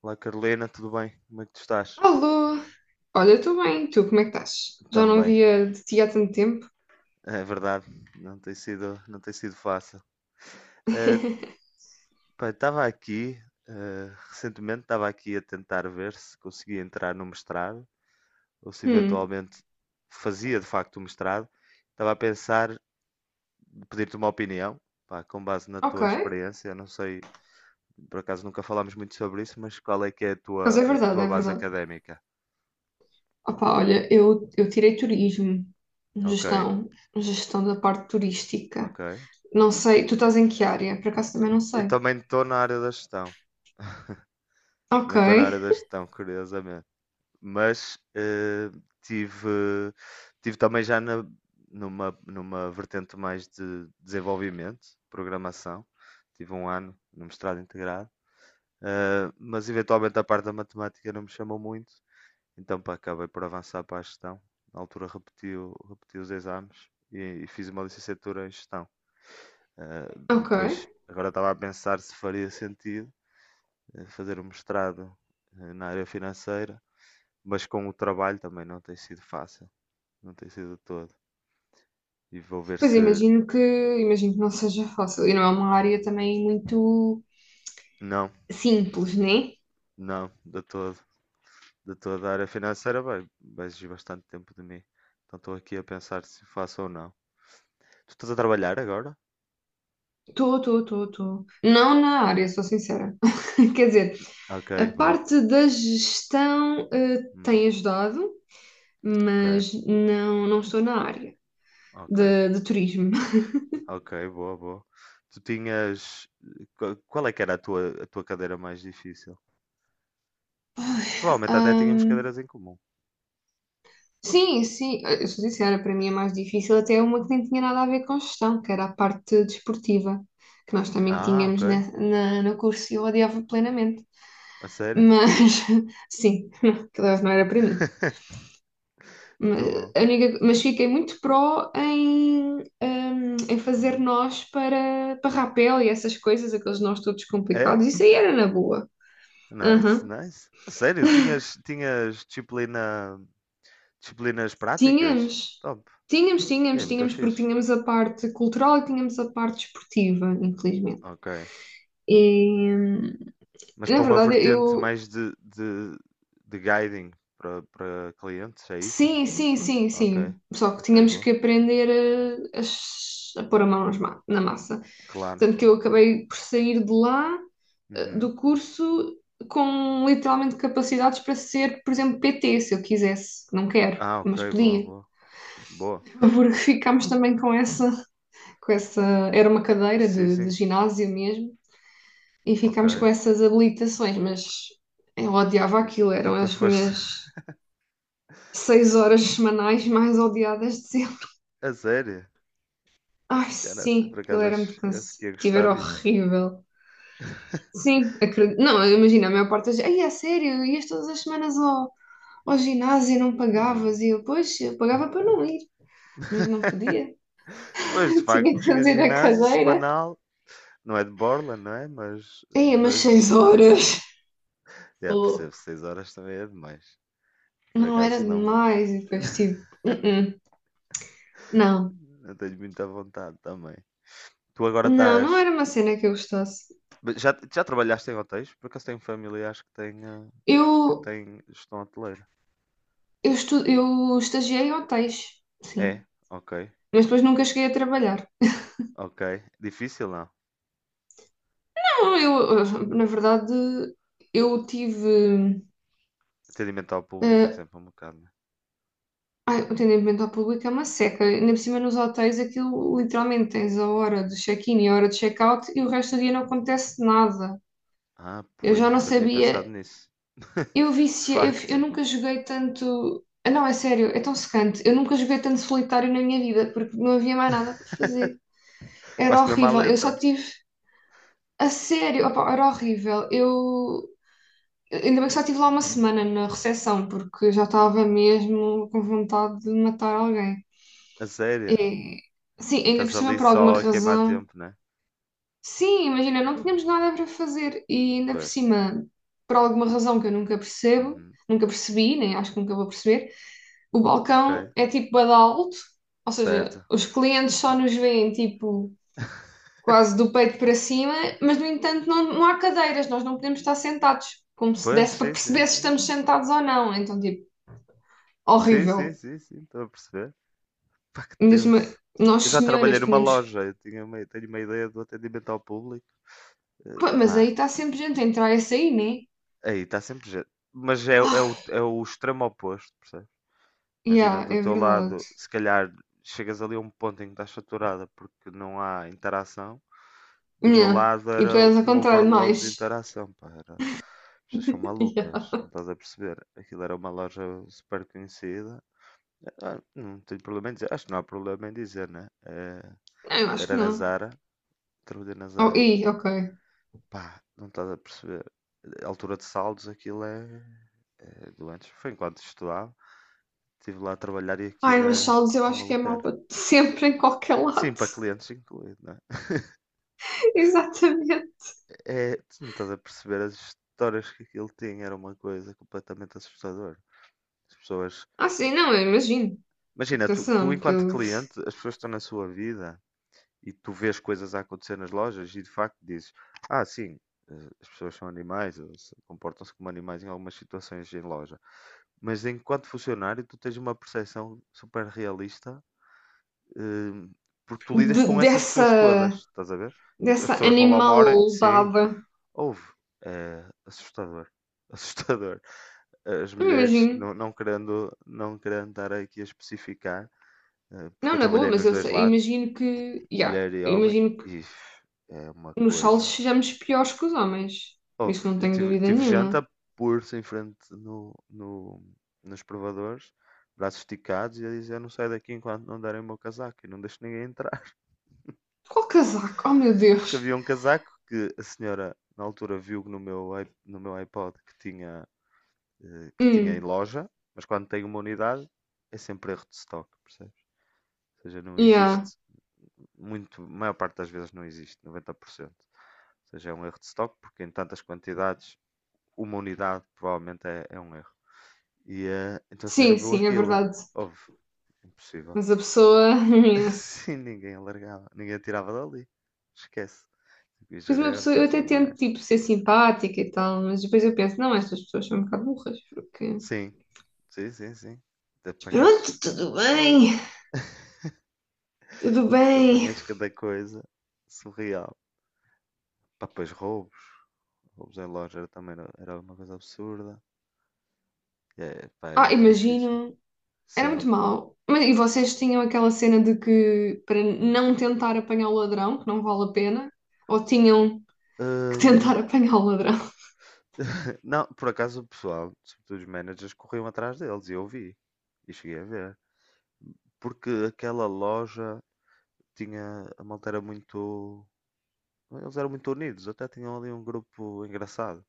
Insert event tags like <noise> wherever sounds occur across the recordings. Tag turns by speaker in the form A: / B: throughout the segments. A: Olá Carolina, tudo bem? Como é que tu estás?
B: Alô! Olha, eu estou bem, tu, como é que estás? Já não
A: Também,
B: via de ti há tanto tempo.
A: é verdade, não tem sido fácil. Eh,
B: <laughs>
A: estava aqui, recentemente estava aqui a tentar ver se conseguia entrar no mestrado, ou se
B: Hum,
A: eventualmente fazia de facto o mestrado. Estava a pensar, pedir-te uma opinião, pá, com base na
B: ok.
A: tua experiência, eu não sei, por acaso nunca falámos muito sobre isso, mas qual é que é
B: Por acaso é
A: a
B: verdade,
A: tua
B: é
A: base
B: verdade.
A: académica?
B: Opá, olha, eu tirei turismo,
A: Ok,
B: gestão, gestão da parte turística.
A: ok.
B: Não sei, tu estás em que área? Por acaso também não
A: Eu
B: sei.
A: também estou na área da gestão. <laughs>
B: Ok,
A: Também estou na área da gestão, curiosamente. Mas tive, tive também já numa vertente mais de desenvolvimento, programação. Tive um ano no mestrado integrado. Eh, mas eventualmente a parte da matemática não me chamou muito, então pá, acabei por avançar para a gestão. Na altura repeti os exames e fiz uma licenciatura em gestão. Eh,
B: ok.
A: depois, agora estava a pensar se faria sentido fazer um mestrado na área financeira, mas com o trabalho também não tem sido fácil. Não tem sido de todo. E vou ver
B: Pois
A: se.
B: imagino imagino que não seja fácil. E não é uma área também muito
A: Não,
B: simples, né?
A: não, de todo. De toda a área financeira vai exigir bastante tempo de mim. Então estou aqui a pensar se faço ou não. Tu estás a trabalhar agora?
B: Estou, estou, estou, estou. Não na área, sou sincera. Quer dizer,
A: Ok,
B: a
A: boa.
B: parte da gestão
A: Hum,
B: tem ajudado,
A: ok,
B: mas não, não estou na área
A: ok,
B: de turismo. <laughs>
A: ok, boa, boa. Tu tinhas. Qual é que era a tua cadeira mais difícil? Provavelmente até tínhamos
B: Ahm,
A: cadeiras em comum.
B: sim, sim, eu sou sincera, para mim é mais difícil até uma que nem tinha nada a ver com gestão, que era a parte desportiva, que nós também
A: Ah, ok.
B: tínhamos na, no curso e eu odiava plenamente.
A: A sério?
B: Mas <laughs> sim, <laughs> aquilo não era para mim.
A: <laughs> Muito
B: Mas
A: bom.
B: a única- mas fiquei muito pró em fazer
A: Hum.
B: nós para rapel e essas coisas, aqueles nós todos
A: É?
B: complicados. Isso aí era na boa.
A: Nice,
B: Aham.
A: nice. A sério, tinhas, disciplinas práticas?
B: Tínhamos,
A: Top.
B: tínhamos,
A: É
B: tínhamos,
A: muito
B: tínhamos, porque
A: fixe.
B: tínhamos a parte cultural e tínhamos a parte esportiva, infelizmente.
A: Ok.
B: E
A: Mas
B: na
A: para uma
B: verdade,
A: vertente
B: eu.
A: mais de guiding para clientes, é isso?
B: Sim, sim, sim,
A: Ok.
B: sim. Só que
A: Ok,
B: tínhamos
A: boa.
B: que aprender a pôr a mão na massa.
A: Claro.
B: Tanto que eu acabei por sair de lá, eh,
A: Uhum.
B: do curso com literalmente capacidades para ser, por exemplo, PT, se eu quisesse. Não quero,
A: Ah,
B: mas
A: ok, boa,
B: podia.
A: boa. Boa.
B: Porque ficámos também com essa, era uma cadeira
A: Sim,
B: de
A: sim.
B: ginásio mesmo, e
A: Ok.
B: ficámos com essas habilitações, mas eu odiava
A: N-
B: aquilo, eram
A: Nunca
B: as
A: foste. <laughs>
B: minhas 6 horas semanais mais odiadas de sempre.
A: A sério?
B: Ai,
A: Cara, assim, por
B: sim, aquilo
A: acaso
B: era muito
A: eu acho que ia
B: cansativo,
A: gostar
B: era
A: disso.
B: horrível.
A: <laughs>
B: Sim, acredito. Não, imagina, a maior parte das. Ai, é sério, ias todas as semanas ao, ao ginásio, não
A: Hum.
B: pagavas, e eu, pois, eu pagava para não ir, mas não podia.
A: Pois, de
B: <laughs>
A: facto,
B: Tinha que
A: tinha
B: fazer a
A: ginásio
B: cadeira.
A: semanal. Não é de Borland, não é?
B: Ia mas seis
A: Mas fazia
B: horas.
A: parte.
B: Tô
A: Já percebo.
B: louco.
A: 6 horas também é demais. Por
B: Não era
A: acaso não,
B: demais. E depois
A: <laughs>
B: tipo, "Uh-uh, não."
A: não tenho muita vontade também. Tu agora
B: Não, não
A: estás.
B: era uma cena que eu gostasse.
A: Já trabalhaste em hotéis? Por acaso tenho familiares que têm, que
B: Eu,
A: têm gestão hoteleira?
B: eu estagiei em hotéis, sim.
A: É? Ok.
B: Mas depois nunca cheguei a trabalhar.
A: Ok. Difícil não?
B: Não, eu, na verdade, eu tive
A: Atendimento ao público é
B: eh,
A: sempre um bocado, né?
B: ai, o atendimento ao público é uma seca. Ainda por cima nos hotéis aquilo literalmente tens a hora do check-in e a hora do check-out e o resto do dia não acontece nada.
A: Ah,
B: Eu
A: pois,
B: já não
A: nunca tinha pensado
B: sabia.
A: nisso. <laughs>
B: Eu
A: De
B: vicia, eu
A: facto.
B: nunca joguei tanto. Ah, não, é sério, é tão secante. Eu nunca joguei tanto solitário na minha vida porque não havia mais nada para
A: <laughs>
B: fazer. Era
A: Faz-te mesmo à
B: horrível. Eu
A: letra.
B: só tive. A sério, opa, era horrível. Eu. Ainda bem que só estive lá uma
A: Hum.
B: semana na recepção porque eu já estava mesmo com vontade de matar alguém.
A: A sério?
B: É, sim,
A: E
B: ainda
A: estás
B: por cima,
A: ali
B: por alguma
A: só a queimar
B: razão.
A: tempo, né?
B: Sim, imagina, não tínhamos nada para fazer e ainda por
A: Pois.
B: cima, por alguma razão que eu nunca percebo,
A: Uhum.
B: nunca percebi, nem acho que nunca vou perceber, o
A: Ok.
B: balcão é tipo bué de alto, ou seja,
A: Certo.
B: os clientes só nos veem tipo quase do peito para cima, mas no entanto não, não há cadeiras, nós não podemos estar sentados, como se
A: Pois,
B: desse para
A: sim, sim,
B: perceber se
A: sim.
B: estamos sentados ou não. Então, tipo,
A: Sim, sim,
B: horrível.
A: sim, sim. Estou a perceber. Pá, que
B: Ainda por cima,
A: tenso.
B: nós
A: Eu já trabalhei
B: senhoras
A: numa
B: tínhamos.
A: loja. Eu tinha uma, tenho uma ideia do atendimento ao público.
B: Pá, mas
A: Pá,
B: aí está sempre gente a entrar e a sair, né?
A: aí está sempre gente.
B: Ah,
A: É o extremo oposto, percebes? Imagina,
B: yeah,
A: do
B: é
A: teu
B: verdade.
A: lado, se calhar chegas ali a um ponto em que estás saturada porque não há interação. Do meu
B: Yeah.
A: lado
B: E tu
A: era
B: és ao
A: um
B: contrário,
A: overload
B: mais.
A: de interação, pá. Era... as pessoas são
B: <laughs> Yeah.
A: malucas, não estás a perceber? Aquilo era uma loja super conhecida. Ah, não tenho problema em dizer, acho que não há problema em dizer, né? É,
B: Não, eu acho que
A: era na
B: não.
A: Zara, trabalhei na
B: Oh,
A: Zara.
B: e, ok.
A: Pá, não estás a perceber. A altura de saldos, é doentes. Foi enquanto estudava, estive lá a trabalhar e
B: Ai,
A: aquilo
B: mas
A: é
B: saldos eu
A: uma
B: acho que é mau
A: maluqueira.
B: para <laughs> sempre, em qualquer
A: Sim,
B: lado.
A: para clientes incluído, né?
B: <laughs> Exatamente.
A: É, tu não estás a perceber as histórias que aquilo tinha, era uma coisa completamente assustadora. As pessoas.
B: Ah, sim, não, eu imagino.
A: Imagina, tu
B: Atenção, que
A: enquanto
B: eu.
A: cliente, as pessoas estão na sua vida e tu vês coisas a acontecer nas lojas e de facto dizes: ah, sim, eh, as pessoas são animais, ou se- comportam-se como animais em algumas situações em loja. Mas enquanto funcionário, tu tens uma percepção super realista, eh, porque tu lidas
B: De-
A: com essas pessoas todas,
B: dessa,
A: estás a ver? As
B: dessa
A: pessoas vão lá uma hora, sim,
B: animalada.
A: houve. É assustador, <laughs> assustador. As
B: Não
A: mulheres,
B: imagino.
A: não querendo estar aqui a especificar, porque
B: Não,
A: eu
B: na boa,
A: trabalhei
B: mas
A: nos
B: eu
A: dois
B: sei-
A: lados,
B: imagino que. Yeah,
A: mulher e homem,
B: imagino que
A: e é uma
B: nos saldos
A: coisa.
B: sejamos piores que os homens.
A: Houve,
B: Isso não tenho dúvida
A: tive
B: nenhuma.
A: janta pulso em frente no, nos provadores, braços esticados, e a dizer: eu não saio daqui enquanto não derem o meu casaco, e não deixo ninguém entrar. <laughs>
B: Qual casaco? Oh meu
A: Porque
B: Deus!
A: havia um casaco que a senhora, na altura, viu no meu iPod que tinha, que tinha em
B: Hum,
A: loja, mas quando tem uma unidade, é sempre erro de stock, percebes? Ou seja, não
B: yeah.
A: existe muito, a maior parte das vezes não existe, 90%. Ou seja, é um erro de stock, porque em tantas quantidades, uma unidade provavelmente é um erro. E então a senhora
B: Sim,
A: viu
B: sim, é
A: aquilo,
B: verdade.
A: houve, impossível.
B: Mas a pessoa. <laughs>
A: <laughs>
B: Yeah.
A: Sim, ninguém alargava, ninguém tirava dali, esquece. Tipo, e
B: Depois uma
A: gerente
B: pessoa,
A: e
B: eu até
A: tudo
B: tento
A: mais.
B: tipo ser simpática e tal, mas depois eu penso, não, estas pessoas são um bocado burras, porque. Mas
A: Sim, sim, sim, sim. Te apanhas,
B: pronto, tudo bem, tudo
A: te
B: bem.
A: apanhas cada coisa surreal. Pá, pois roubos, era uma coisa absurda. É, pá, é
B: Ah,
A: muito difícil.
B: imagino, era
A: Sim.
B: muito mau. Mas, e vocês tinham aquela cena de que para
A: Hum.
B: não tentar apanhar o ladrão, que não vale a pena, ou tinham que
A: Hum,
B: tentar <laughs> apanhar o ladrão? <laughs>
A: não, por acaso o pessoal, sobretudo os managers, corriam atrás deles e eu vi. E cheguei a ver. Porque aquela loja tinha. A malta era muito. Eles eram muito unidos, até tinham ali um grupo engraçado.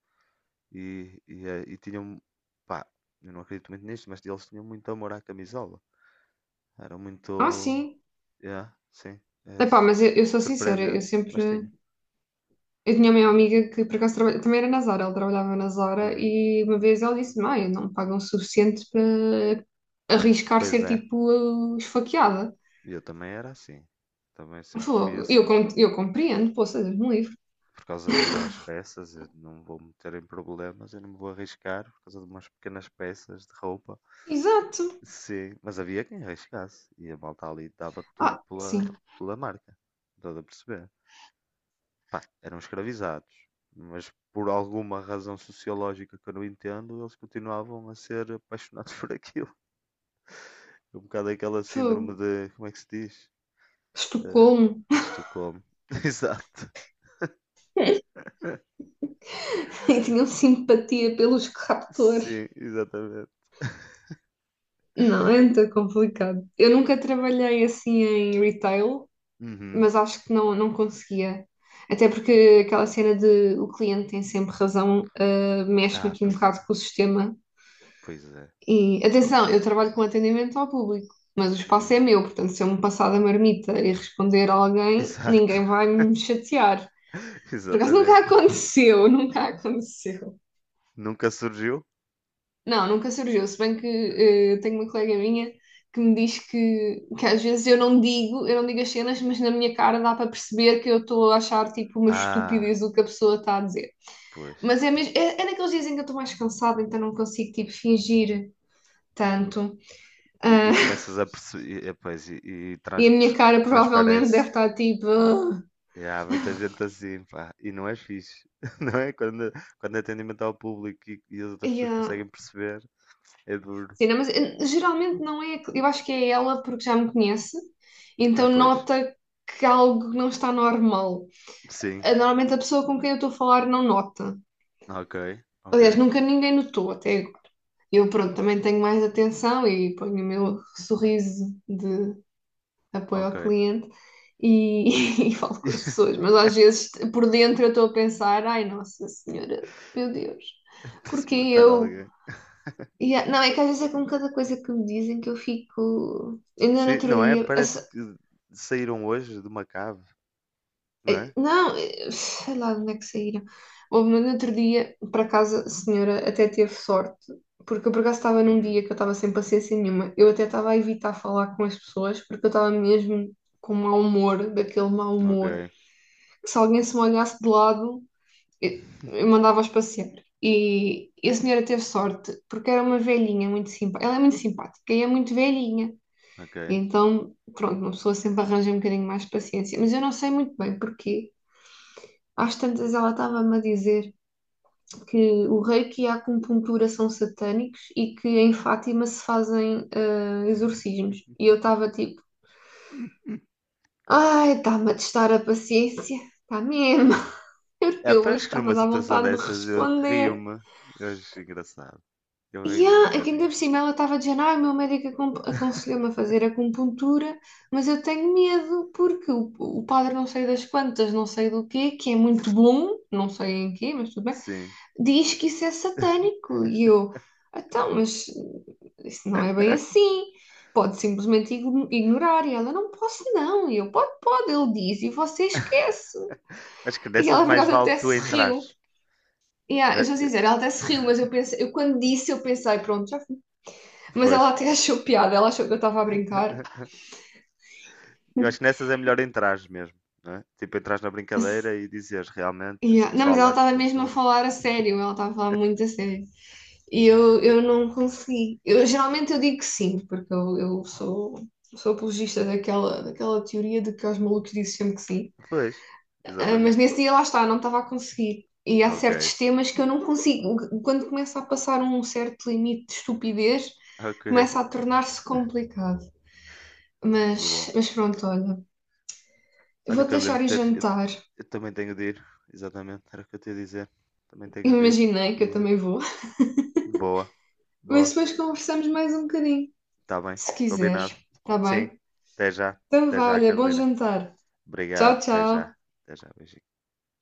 A: E tinham. Pá, eu não acredito muito nisto, mas eles tinham muito amor à camisola. Era muito.
B: Ah, sim.
A: Yeah, sim. É
B: Epá,
A: su-
B: mas eu sou sincera, eu
A: surpreendente,
B: sempre.
A: mas tinha.
B: Eu tinha uma amiga que por acaso trabalha, também era na Zara, ela trabalhava na Zara
A: Hum.
B: e uma vez ela disse: mãe, não me pagam o suficiente para arriscar
A: Pois
B: ser
A: é,
B: tipo esfaqueada.
A: eu também era assim. Também
B: Ela
A: sempre fui
B: falou, eu,
A: assim.
B: com- eu compreendo, poça, Deus me livre.
A: Por causa de umas peças, eu não vou meter em problemas, eu não me vou arriscar por causa de umas pequenas peças de roupa.
B: Exato.
A: Sim, mas havia quem arriscasse e a malta ali
B: Ah, sim.
A: pela marca, toda a perceber. Pá, eram escravizados, mas por alguma razão sociológica que eu não entendo, eles continuavam a ser apaixonados <laughs> por aquilo. Um bocado aquela
B: Fogo.
A: síndrome de, como é que se diz? Uh,
B: Estocolmo.
A: Estocolmo. <laughs> Exato.
B: <laughs> E tinham simpatia pelos captores.
A: Sim, exatamente. <laughs>
B: Não, é muito complicado. Eu nunca trabalhei assim em retail,
A: Uhum.
B: mas acho que não, não conseguia. Até porque aquela cena de o cliente tem sempre razão, ah, mexe-me
A: Ah,
B: aqui um
A: pois é,
B: bocado com o sistema.
A: pois é.
B: E atenção, eu trabalho com atendimento ao público, mas o espaço é
A: Uhum.
B: meu, portanto, se eu me passar da marmita e responder a alguém,
A: Exato,
B: ninguém vai me chatear.
A: <laughs>
B: Por acaso nunca <laughs>
A: exatamente.
B: aconteceu, nunca aconteceu.
A: Nunca surgiu?
B: Não, nunca surgiu. Se bem que tenho uma colega minha que me diz que às vezes eu não digo as cenas, mas na minha cara dá para perceber que eu estou a achar tipo uma
A: Ah,
B: estupidez o que a pessoa está a dizer.
A: pois.
B: Mas é mesmo, é, é naqueles dias em que eu estou mais cansada, então não consigo tipo fingir tanto. Ah,
A: E
B: <laughs>
A: começas a perceber, pois, e
B: e
A: trans-
B: a minha
A: tr-
B: cara provavelmente
A: transparece.
B: deve estar tipo. "Ah".
A: E há muita gente assim, pá, e não é fixe, <laughs> não é? Quando, quando é atendimento ao público e as outras
B: E,
A: pessoas
B: ah,
A: conseguem perceber, é duro.
B: sim, não, mas geralmente não é. Eu acho que é ela porque já me conhece,
A: Ah,
B: então
A: pois,
B: nota que algo não está normal.
A: sim,
B: Normalmente a pessoa com quem eu estou a falar não nota.
A: ok, ok,
B: Aliás, nunca ninguém notou até agora. Eu, pronto, também tenho mais atenção e ponho o meu sorriso de apoio
A: ok.
B: ao cliente e <laughs> e falo com as
A: <laughs>
B: pessoas. Mas às vezes, por dentro, eu estou a pensar: ai, Nossa Senhora, meu Deus,
A: Até-se
B: porque
A: matar
B: eu.
A: alguém.
B: E é- não, é que às vezes é com cada coisa que me dizem que eu fico. Ainda no
A: Sim,
B: outro
A: não é?
B: dia, a.
A: Parece que saíram hoje de uma cave, não é?
B: Não, sei lá de onde é que saíram. Houve no outro dia, por acaso, a senhora até teve sorte, porque eu por acaso estava num dia
A: Uhum.
B: que eu estava sem paciência nenhuma. Eu até estava a evitar falar com as pessoas, porque eu estava mesmo com mau humor, daquele mau
A: Ok,
B: humor, que se alguém se me olhasse de lado, eu, eu
A: <laughs>
B: mandava-os passear. E a senhora teve sorte, porque era uma velhinha muito simpática. Ela é muito simpática e é muito velhinha.
A: ok.
B: E então, pronto, uma pessoa sempre arranja um bocadinho mais de paciência. Mas eu não sei muito bem porquê. Às tantas ela estava-me a dizer que o reiki e a acupuntura são satânicos e que em Fátima se fazem exorcismos. E eu estava tipo,
A: <laughs>
B: ai, está-me a testar a paciência, está mesmo, <laughs> porque
A: É,
B: eu isto
A: pois que
B: está-me a
A: numa
B: dar
A: situação
B: vontade de
A: dessas eu
B: responder.
A: rio-me. Eu acho engraçado. Eu
B: E
A: rio-me um
B: ah, é que ainda
A: bocadinho.
B: por cima ela estava dizendo, ai, o meu médico aconselhou-me a fazer acupuntura, mas eu tenho medo porque o padre não sei das quantas, não sei do quê, que é muito bom, não sei em quê, mas tudo bem
A: Sim.
B: diz que isso é satânico. E eu, então, mas isso não é bem
A: <laughs>
B: assim. Pode simplesmente ignorar. E ela, não posso não. E eu, pode, pode. Ele diz e você esquece.
A: Acho que
B: E
A: nessas
B: ela, por
A: mais
B: acaso,
A: vale
B: até
A: tu
B: se riu.
A: entrares.
B: E ah, eu
A: Eh,
B: vou
A: eh,
B: dizer, ela até se riu, mas eu pensei, eu quando disse, eu pensei, pronto, já fui. Mas
A: Pois.
B: ela até achou piada, ela achou que eu estava a brincar.
A: <laughs> Eu acho que nessas é melhor entrares mesmo. Não é? Tipo, entrares na brincadeira e
B: <laughs>
A: dizeres realmente esse
B: Yeah. Não, mas
A: pessoal
B: ela
A: da
B: estava mesmo a
A: acupuntura.
B: falar a sério, ela estava a falar muito a sério. E eu não consegui. Eu, geralmente eu digo que sim, porque eu sou, sou apologista daquela, daquela teoria de que aos malucos dizem sempre que sim.
A: Pois,
B: Ah, mas
A: exatamente.
B: nesse dia lá está, não estava a conseguir. E há
A: Ok,
B: certos temas que eu não consigo. Quando começa a passar um certo limite de estupidez,
A: ok,
B: começa a tornar-se complicado.
A: muito bom.
B: Mas pronto, olha.
A: Olha,
B: Vou-te
A: Carolina,
B: deixar ir jantar.
A: eu também tenho de ir. Exatamente, era o que eu te ia dizer. Também tenho de ir.
B: Imaginei
A: E
B: que eu
A: é
B: também vou.
A: boa,
B: Mas
A: boa.
B: depois conversamos mais um bocadinho,
A: Está bem,
B: se quiseres.
A: combinado.
B: Está
A: Sim,
B: bem?
A: até já.
B: Então
A: Até
B: vá,
A: já,
B: olha, bom
A: Carolina.
B: jantar. Tchau,
A: Obrigado, até já.
B: tchau.
A: Até já, beijinho.